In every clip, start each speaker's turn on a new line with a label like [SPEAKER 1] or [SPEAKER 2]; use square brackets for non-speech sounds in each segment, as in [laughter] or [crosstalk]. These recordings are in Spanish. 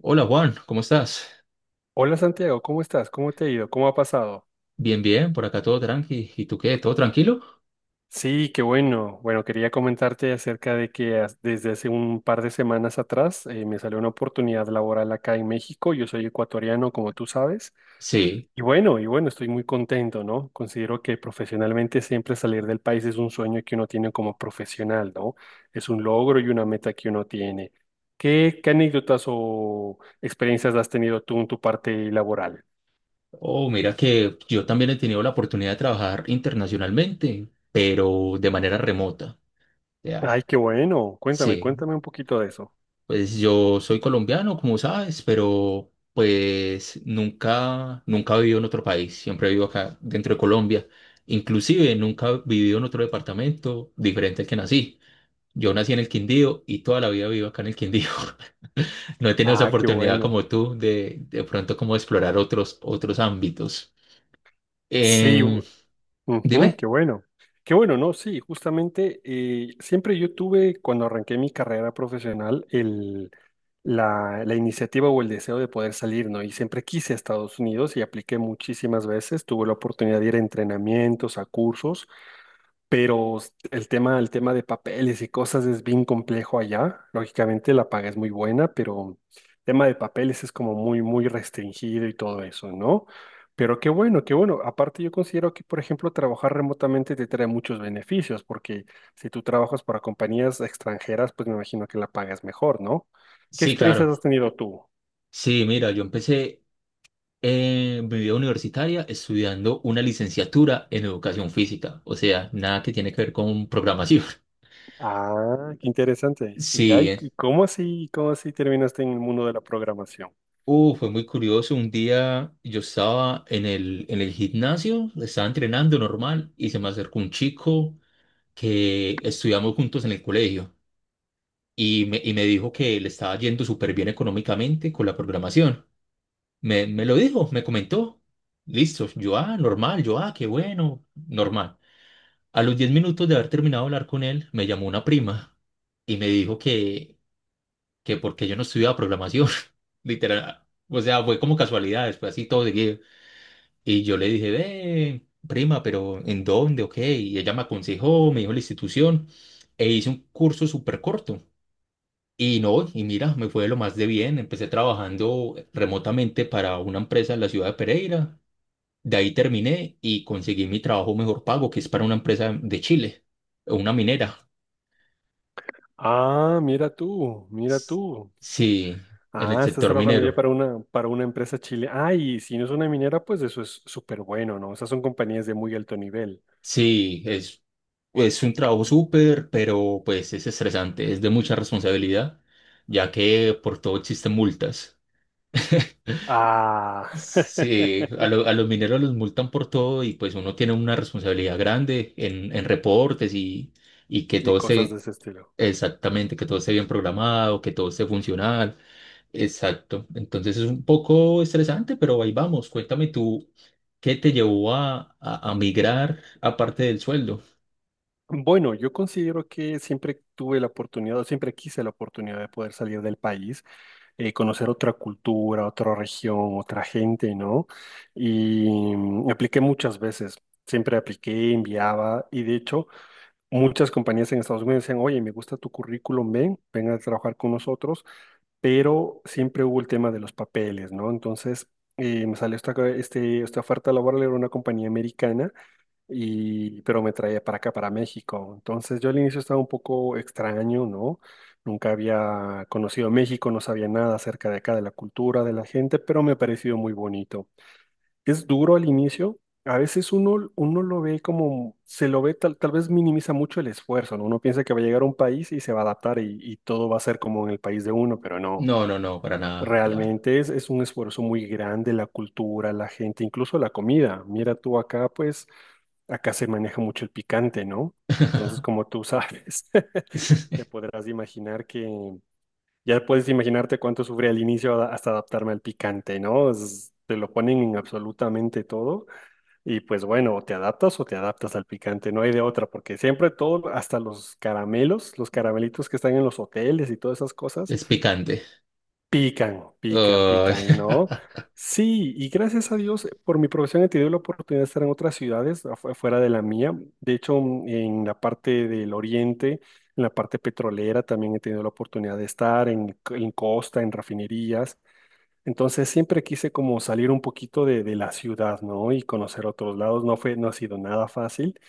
[SPEAKER 1] Hola Juan, ¿cómo estás?
[SPEAKER 2] Hola Santiago, ¿cómo estás? ¿Cómo te ha ido? ¿Cómo ha pasado?
[SPEAKER 1] Bien, bien, por acá todo tranqui. ¿Y tú qué? ¿Todo tranquilo?
[SPEAKER 2] Sí, qué bueno. Bueno, quería comentarte acerca de que desde hace un par de semanas atrás me salió una oportunidad laboral acá en México. Yo soy ecuatoriano, como tú sabes.
[SPEAKER 1] Sí.
[SPEAKER 2] Y bueno, estoy muy contento, ¿no? Considero que profesionalmente siempre salir del país es un sueño que uno tiene como profesional, ¿no? Es un logro y una meta que uno tiene. ¿Qué anécdotas o experiencias has tenido tú en tu parte laboral?
[SPEAKER 1] Oh, mira que yo también he tenido la oportunidad de trabajar internacionalmente, pero de manera remota.
[SPEAKER 2] Ay,
[SPEAKER 1] Ya.
[SPEAKER 2] qué bueno. Cuéntame,
[SPEAKER 1] Sí.
[SPEAKER 2] cuéntame un poquito de eso.
[SPEAKER 1] Pues yo soy colombiano, como sabes, pero pues nunca he vivido en otro país. Siempre he vivido acá dentro de Colombia. Inclusive nunca he vivido en otro departamento diferente al que nací. Yo nací en el Quindío y toda la vida vivo acá en el Quindío. [laughs] No he tenido esa
[SPEAKER 2] Ah, qué
[SPEAKER 1] oportunidad
[SPEAKER 2] bueno.
[SPEAKER 1] como tú de pronto como explorar otros, otros ámbitos.
[SPEAKER 2] Sí,
[SPEAKER 1] Eh,
[SPEAKER 2] u- ujú,
[SPEAKER 1] Dime.
[SPEAKER 2] qué bueno. Qué bueno, ¿no? Sí, justamente siempre yo tuve, cuando arranqué mi carrera profesional, la iniciativa o el deseo de poder salir, ¿no? Y siempre quise a Estados Unidos y apliqué muchísimas veces. Tuve la oportunidad de ir a entrenamientos, a cursos. Pero el tema de papeles y cosas es bien complejo allá. Lógicamente la paga es muy buena, pero el tema de papeles es como muy, muy restringido y todo eso, ¿no? Pero qué bueno, qué bueno. Aparte yo considero que, por ejemplo, trabajar remotamente te trae muchos beneficios, porque si tú trabajas para compañías extranjeras, pues me imagino que la paga es mejor, ¿no? ¿Qué
[SPEAKER 1] Sí,
[SPEAKER 2] experiencias
[SPEAKER 1] claro.
[SPEAKER 2] has tenido tú?
[SPEAKER 1] Sí, mira, yo empecé mi vida universitaria estudiando una licenciatura en educación física, o sea, nada que tiene que ver con programación. [laughs]
[SPEAKER 2] Ah, qué interesante. Ya,
[SPEAKER 1] Sí,
[SPEAKER 2] ¿y y cómo así terminaste en el mundo de la programación?
[SPEAKER 1] Fue muy curioso. Un día yo estaba en el gimnasio, estaba entrenando normal y se me acercó un chico que estudiamos juntos en el colegio y me dijo que le estaba yendo súper bien económicamente con la programación. Me lo dijo, me comentó. Listo, yo, ah, normal, yo, ah, qué bueno, normal. A los 10 minutos de haber terminado de hablar con él, me llamó una prima y me dijo que porque yo no estudiaba programación, [laughs] literal. O sea, fue como casualidad, después así todo seguido. Y yo le dije, ve, prima, pero ¿en dónde? Ok. Y ella me aconsejó, me dijo la institución e hice un curso súper corto. Y no, y mira, me fue de lo más de bien. Empecé trabajando remotamente para una empresa en la ciudad de Pereira. De ahí terminé y conseguí mi trabajo mejor pago, que es para una empresa de Chile, una minera.
[SPEAKER 2] Ah, mira tú, mira
[SPEAKER 1] S-
[SPEAKER 2] tú.
[SPEAKER 1] Sí, en el
[SPEAKER 2] Ah, estás
[SPEAKER 1] sector
[SPEAKER 2] trabajando ya
[SPEAKER 1] minero.
[SPEAKER 2] para para una empresa chile. Ay, si no es una minera, pues eso es súper bueno, ¿no? Esas son compañías de muy alto nivel.
[SPEAKER 1] Sí, es, es un trabajo súper, pero pues es estresante, es de mucha responsabilidad, ya que por todo existen multas.
[SPEAKER 2] Ah,
[SPEAKER 1] Sí,
[SPEAKER 2] [laughs]
[SPEAKER 1] a los mineros los multan por todo y pues uno tiene una responsabilidad grande en reportes y que
[SPEAKER 2] y
[SPEAKER 1] todo
[SPEAKER 2] cosas de
[SPEAKER 1] esté
[SPEAKER 2] ese estilo.
[SPEAKER 1] exactamente, que todo esté bien programado, que todo esté funcional. Exacto. Entonces es un poco estresante, pero ahí vamos. Cuéntame tú, ¿qué te llevó a migrar aparte del sueldo?
[SPEAKER 2] Bueno, yo considero que siempre tuve la oportunidad, o siempre quise la oportunidad de poder salir del país, conocer otra cultura, otra región, otra gente, ¿no? Y apliqué muchas veces. Siempre apliqué, enviaba, y de hecho. Muchas compañías en Estados Unidos decían, oye, me gusta tu currículum, ven, ven a trabajar con nosotros, pero siempre hubo el tema de los papeles, ¿no? Entonces, me salió esta oferta laboral, era una compañía americana, y, pero me traía para acá, para México. Entonces, yo al inicio estaba un poco extraño, ¿no? Nunca había conocido México, no sabía nada acerca de acá, de la cultura, de la gente, pero me pareció muy bonito. Es duro al inicio. A veces uno lo ve como, se lo ve tal vez minimiza mucho el esfuerzo, ¿no? Uno piensa que va a llegar a un país y se va a adaptar y todo va a ser como en el país de uno, pero no.
[SPEAKER 1] No, no, no, para nada, claro.
[SPEAKER 2] Realmente es un esfuerzo muy grande, la cultura, la gente, incluso la comida. Mira tú acá, pues acá se maneja mucho el picante, ¿no? Entonces,
[SPEAKER 1] [laughs]
[SPEAKER 2] como tú sabes, [laughs] te podrás imaginar que ya puedes imaginarte cuánto sufrí al inicio hasta adaptarme al picante, ¿no? Te lo ponen en absolutamente todo y pues bueno, o te adaptas al picante, no hay de otra, porque siempre todo, hasta los caramelos, los caramelitos que están en los hoteles y todas esas cosas,
[SPEAKER 1] Es picante.
[SPEAKER 2] pican, pican,
[SPEAKER 1] Ay.
[SPEAKER 2] pican, ¿no? Sí, y gracias a Dios, por mi profesión he tenido la oportunidad de estar en otras ciudades fuera de la mía. De hecho, en la parte del oriente, en la parte petrolera, también he tenido la oportunidad de estar en costa, en refinerías. Entonces siempre quise como salir un poquito de la ciudad, ¿no? Y conocer otros lados. No ha sido nada fácil,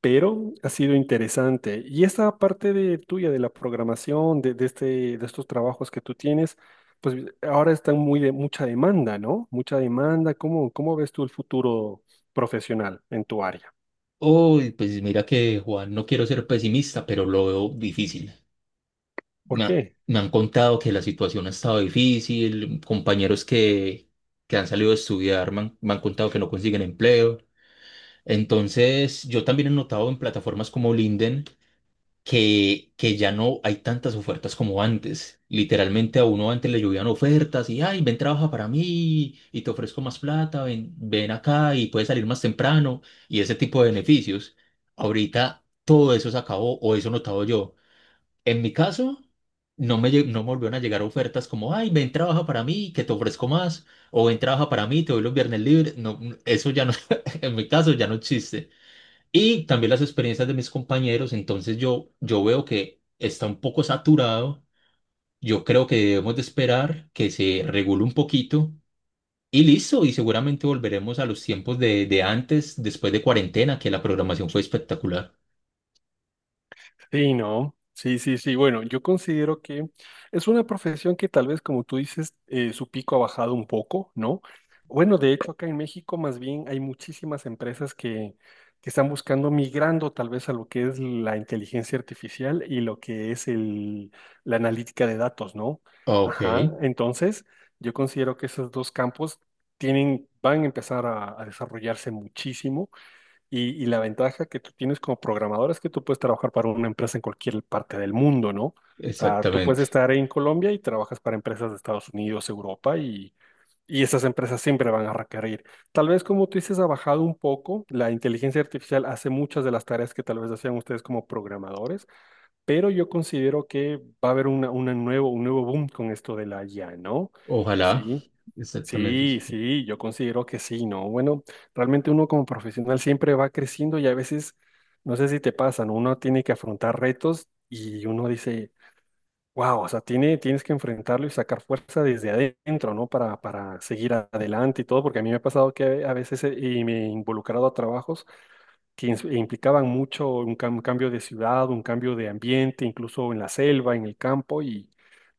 [SPEAKER 2] pero ha sido interesante. Y esta parte de tuya, de la programación, de estos trabajos que tú tienes, pues ahora está muy de mucha demanda, ¿no? Mucha demanda. ¿Cómo ves tú el futuro profesional en tu área?
[SPEAKER 1] [laughs] Uy, pues mira que Juan, no quiero ser pesimista, pero lo veo difícil.
[SPEAKER 2] ¿Por
[SPEAKER 1] Me, ha-
[SPEAKER 2] qué?
[SPEAKER 1] Me han contado que la situación ha estado difícil, compañeros que han salido a estudiar me han contado que no consiguen empleo. Entonces, yo también he notado en plataformas como LinkedIn que ya no hay tantas ofertas como antes. Literalmente a uno antes le llovían ofertas y, ay, ven, trabaja para mí y te ofrezco más plata, ven, ven acá y puedes salir más temprano y ese tipo de beneficios. Ahorita todo eso se acabó o eso he notado yo. En mi caso, no me volvieron a llegar ofertas como, ay, ven, trabaja para mí, que te ofrezco más, o ven, trabaja para mí, te doy los viernes libres. No, eso ya no, [laughs] en mi caso, ya no existe. Y también las experiencias de mis compañeros, entonces yo veo que está un poco saturado. Yo creo que debemos de esperar que se regule un poquito y listo, y seguramente volveremos a los tiempos de antes, después de cuarentena, que la programación fue espectacular.
[SPEAKER 2] Sí, no. Sí, sí, sí. Bueno, yo considero que es una profesión que tal vez, como tú dices, su pico ha bajado un poco, ¿no? Bueno, de hecho, acá en México más bien hay muchísimas empresas que están buscando migrando tal vez a lo que es la inteligencia artificial y lo que es la analítica de datos, ¿no?
[SPEAKER 1] Ah, ok,
[SPEAKER 2] Ajá. Entonces, yo considero que esos dos campos tienen, van a empezar a desarrollarse muchísimo. Y la ventaja que tú tienes como programador es que tú puedes trabajar para una empresa en cualquier parte del mundo, ¿no? O sea, tú puedes
[SPEAKER 1] exactamente.
[SPEAKER 2] estar en Colombia y trabajas para empresas de Estados Unidos, Europa, y esas empresas siempre van a requerir. Tal vez, como tú dices, ha bajado un poco. La inteligencia artificial hace muchas de las tareas que tal vez hacían ustedes como programadores, pero yo considero que va a haber un nuevo boom con esto de la IA, ¿no?
[SPEAKER 1] Ojalá.
[SPEAKER 2] Sí,
[SPEAKER 1] Exactamente.
[SPEAKER 2] sí, sí, yo considero que sí, ¿no? Bueno, realmente uno como profesional siempre va creciendo y a veces, no sé si te pasan, uno tiene que afrontar retos y uno dice, wow, o sea, tienes que enfrentarlo y sacar fuerza desde adentro, ¿no? Para seguir adelante y todo, porque a mí me ha pasado que a veces y me he involucrado a trabajos que implicaban mucho un cambio de ciudad, un cambio de ambiente, incluso en la selva, en el campo,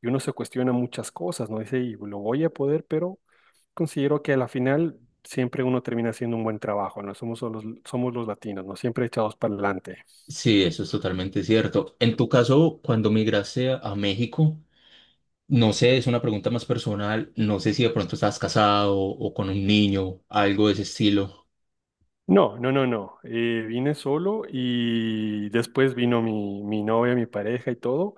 [SPEAKER 2] y uno se cuestiona muchas cosas, ¿no? Dice, y lo voy a poder, pero considero que a la final siempre uno termina haciendo un buen trabajo, ¿no? Somos los latinos, ¿no? Siempre echados para adelante.
[SPEAKER 1] Sí, eso es totalmente cierto. En tu caso, cuando migraste a México, no sé, es una pregunta más personal, no sé si de pronto estabas casado o con un niño, algo de ese estilo.
[SPEAKER 2] No, no, no, no. Vine solo y después vino mi novia, mi pareja y todo.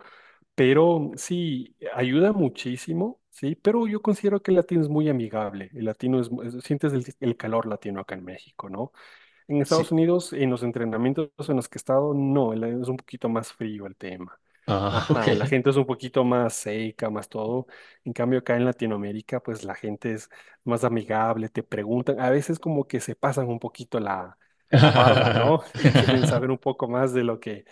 [SPEAKER 2] Pero sí, ayuda muchísimo, sí, pero yo considero que el latino es muy amigable. El latino es, sientes el calor latino acá en México, ¿no? En Estados
[SPEAKER 1] Sí.
[SPEAKER 2] Unidos, en los entrenamientos en los que he estado, no, es un poquito más frío el tema.
[SPEAKER 1] Ah, [laughs]
[SPEAKER 2] Ajá, la
[SPEAKER 1] ok.
[SPEAKER 2] gente es un poquito más seca, más todo. En cambio, acá en Latinoamérica, pues la gente es más amigable, te preguntan, a veces como que se pasan un poquito la barda, ¿no? [laughs] Y quieren saber un
[SPEAKER 1] [laughs]
[SPEAKER 2] poco más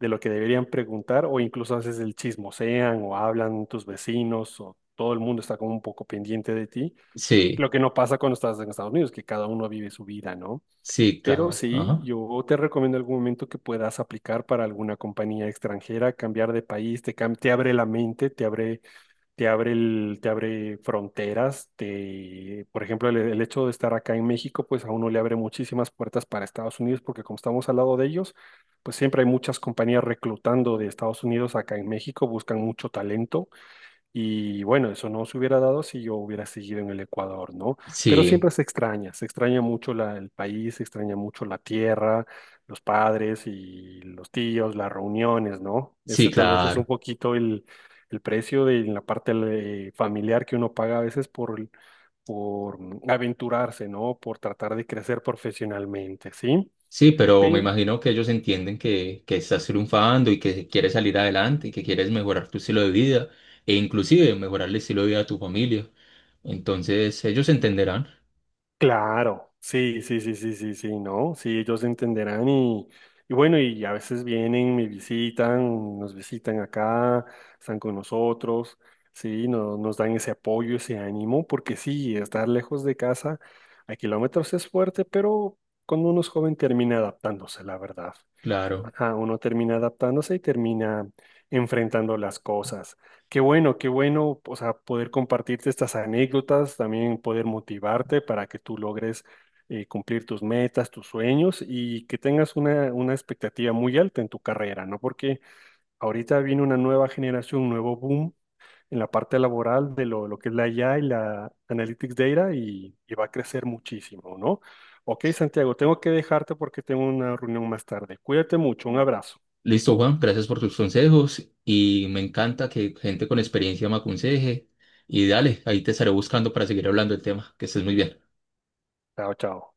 [SPEAKER 2] de lo que deberían preguntar, o incluso a veces el chismosean o hablan tus vecinos, o todo el mundo está como un poco pendiente de ti.
[SPEAKER 1] Sí,
[SPEAKER 2] Lo que no pasa cuando estás en Estados Unidos, que cada uno vive su vida, ¿no?
[SPEAKER 1] sí,
[SPEAKER 2] Pero
[SPEAKER 1] claro.
[SPEAKER 2] sí,
[SPEAKER 1] Ajá.
[SPEAKER 2] yo te recomiendo algún momento que puedas aplicar para alguna compañía extranjera, cambiar de país, te abre la mente, te abre fronteras, te, por ejemplo, el hecho de estar acá en México, pues a uno le abre muchísimas puertas para Estados Unidos, porque como estamos al lado de ellos, pues siempre hay muchas compañías reclutando de Estados Unidos acá en México, buscan mucho talento. Y bueno, eso no se hubiera dado si yo hubiera seguido en el Ecuador, ¿no? Pero
[SPEAKER 1] Sí,
[SPEAKER 2] siempre se extraña, el país, se extraña mucho la tierra, los padres y los tíos, las reuniones, ¿no?
[SPEAKER 1] sí,
[SPEAKER 2] Ese tal vez es un
[SPEAKER 1] claro.
[SPEAKER 2] poquito el precio de la parte familiar que uno paga a veces por aventurarse, ¿no? Por tratar de crecer profesionalmente, ¿sí?
[SPEAKER 1] Sí, pero me imagino que ellos entienden que estás triunfando y que quieres salir adelante y que quieres mejorar tu estilo de vida e inclusive mejorar el estilo de vida de tu familia. Entonces, ellos entenderán.
[SPEAKER 2] Claro, sí, sí, sí, sí, sí, sí, no, sí, ellos entenderán y bueno, y a veces vienen, me visitan, nos visitan acá, están con nosotros, sí, nos dan ese apoyo, ese ánimo, porque sí, estar lejos de casa a kilómetros es fuerte, pero cuando uno es joven termina adaptándose, la verdad.
[SPEAKER 1] Claro.
[SPEAKER 2] Ajá, uno termina adaptándose y termina enfrentando las cosas. Qué bueno, o sea, poder compartirte estas anécdotas, también poder motivarte para que tú logres cumplir tus metas, tus sueños y que tengas una expectativa muy alta en tu carrera, ¿no? Porque ahorita viene una nueva generación, un nuevo boom en la parte laboral de lo que es la IA y la Analytics Data y va a crecer muchísimo, ¿no? Ok, Santiago, tengo que dejarte porque tengo una reunión más tarde. Cuídate mucho, un abrazo.
[SPEAKER 1] Listo, Juan, gracias por tus consejos y me encanta que gente con experiencia me aconseje. Y dale, ahí te estaré buscando para seguir hablando del tema. Que estés muy bien.
[SPEAKER 2] Chao, chao.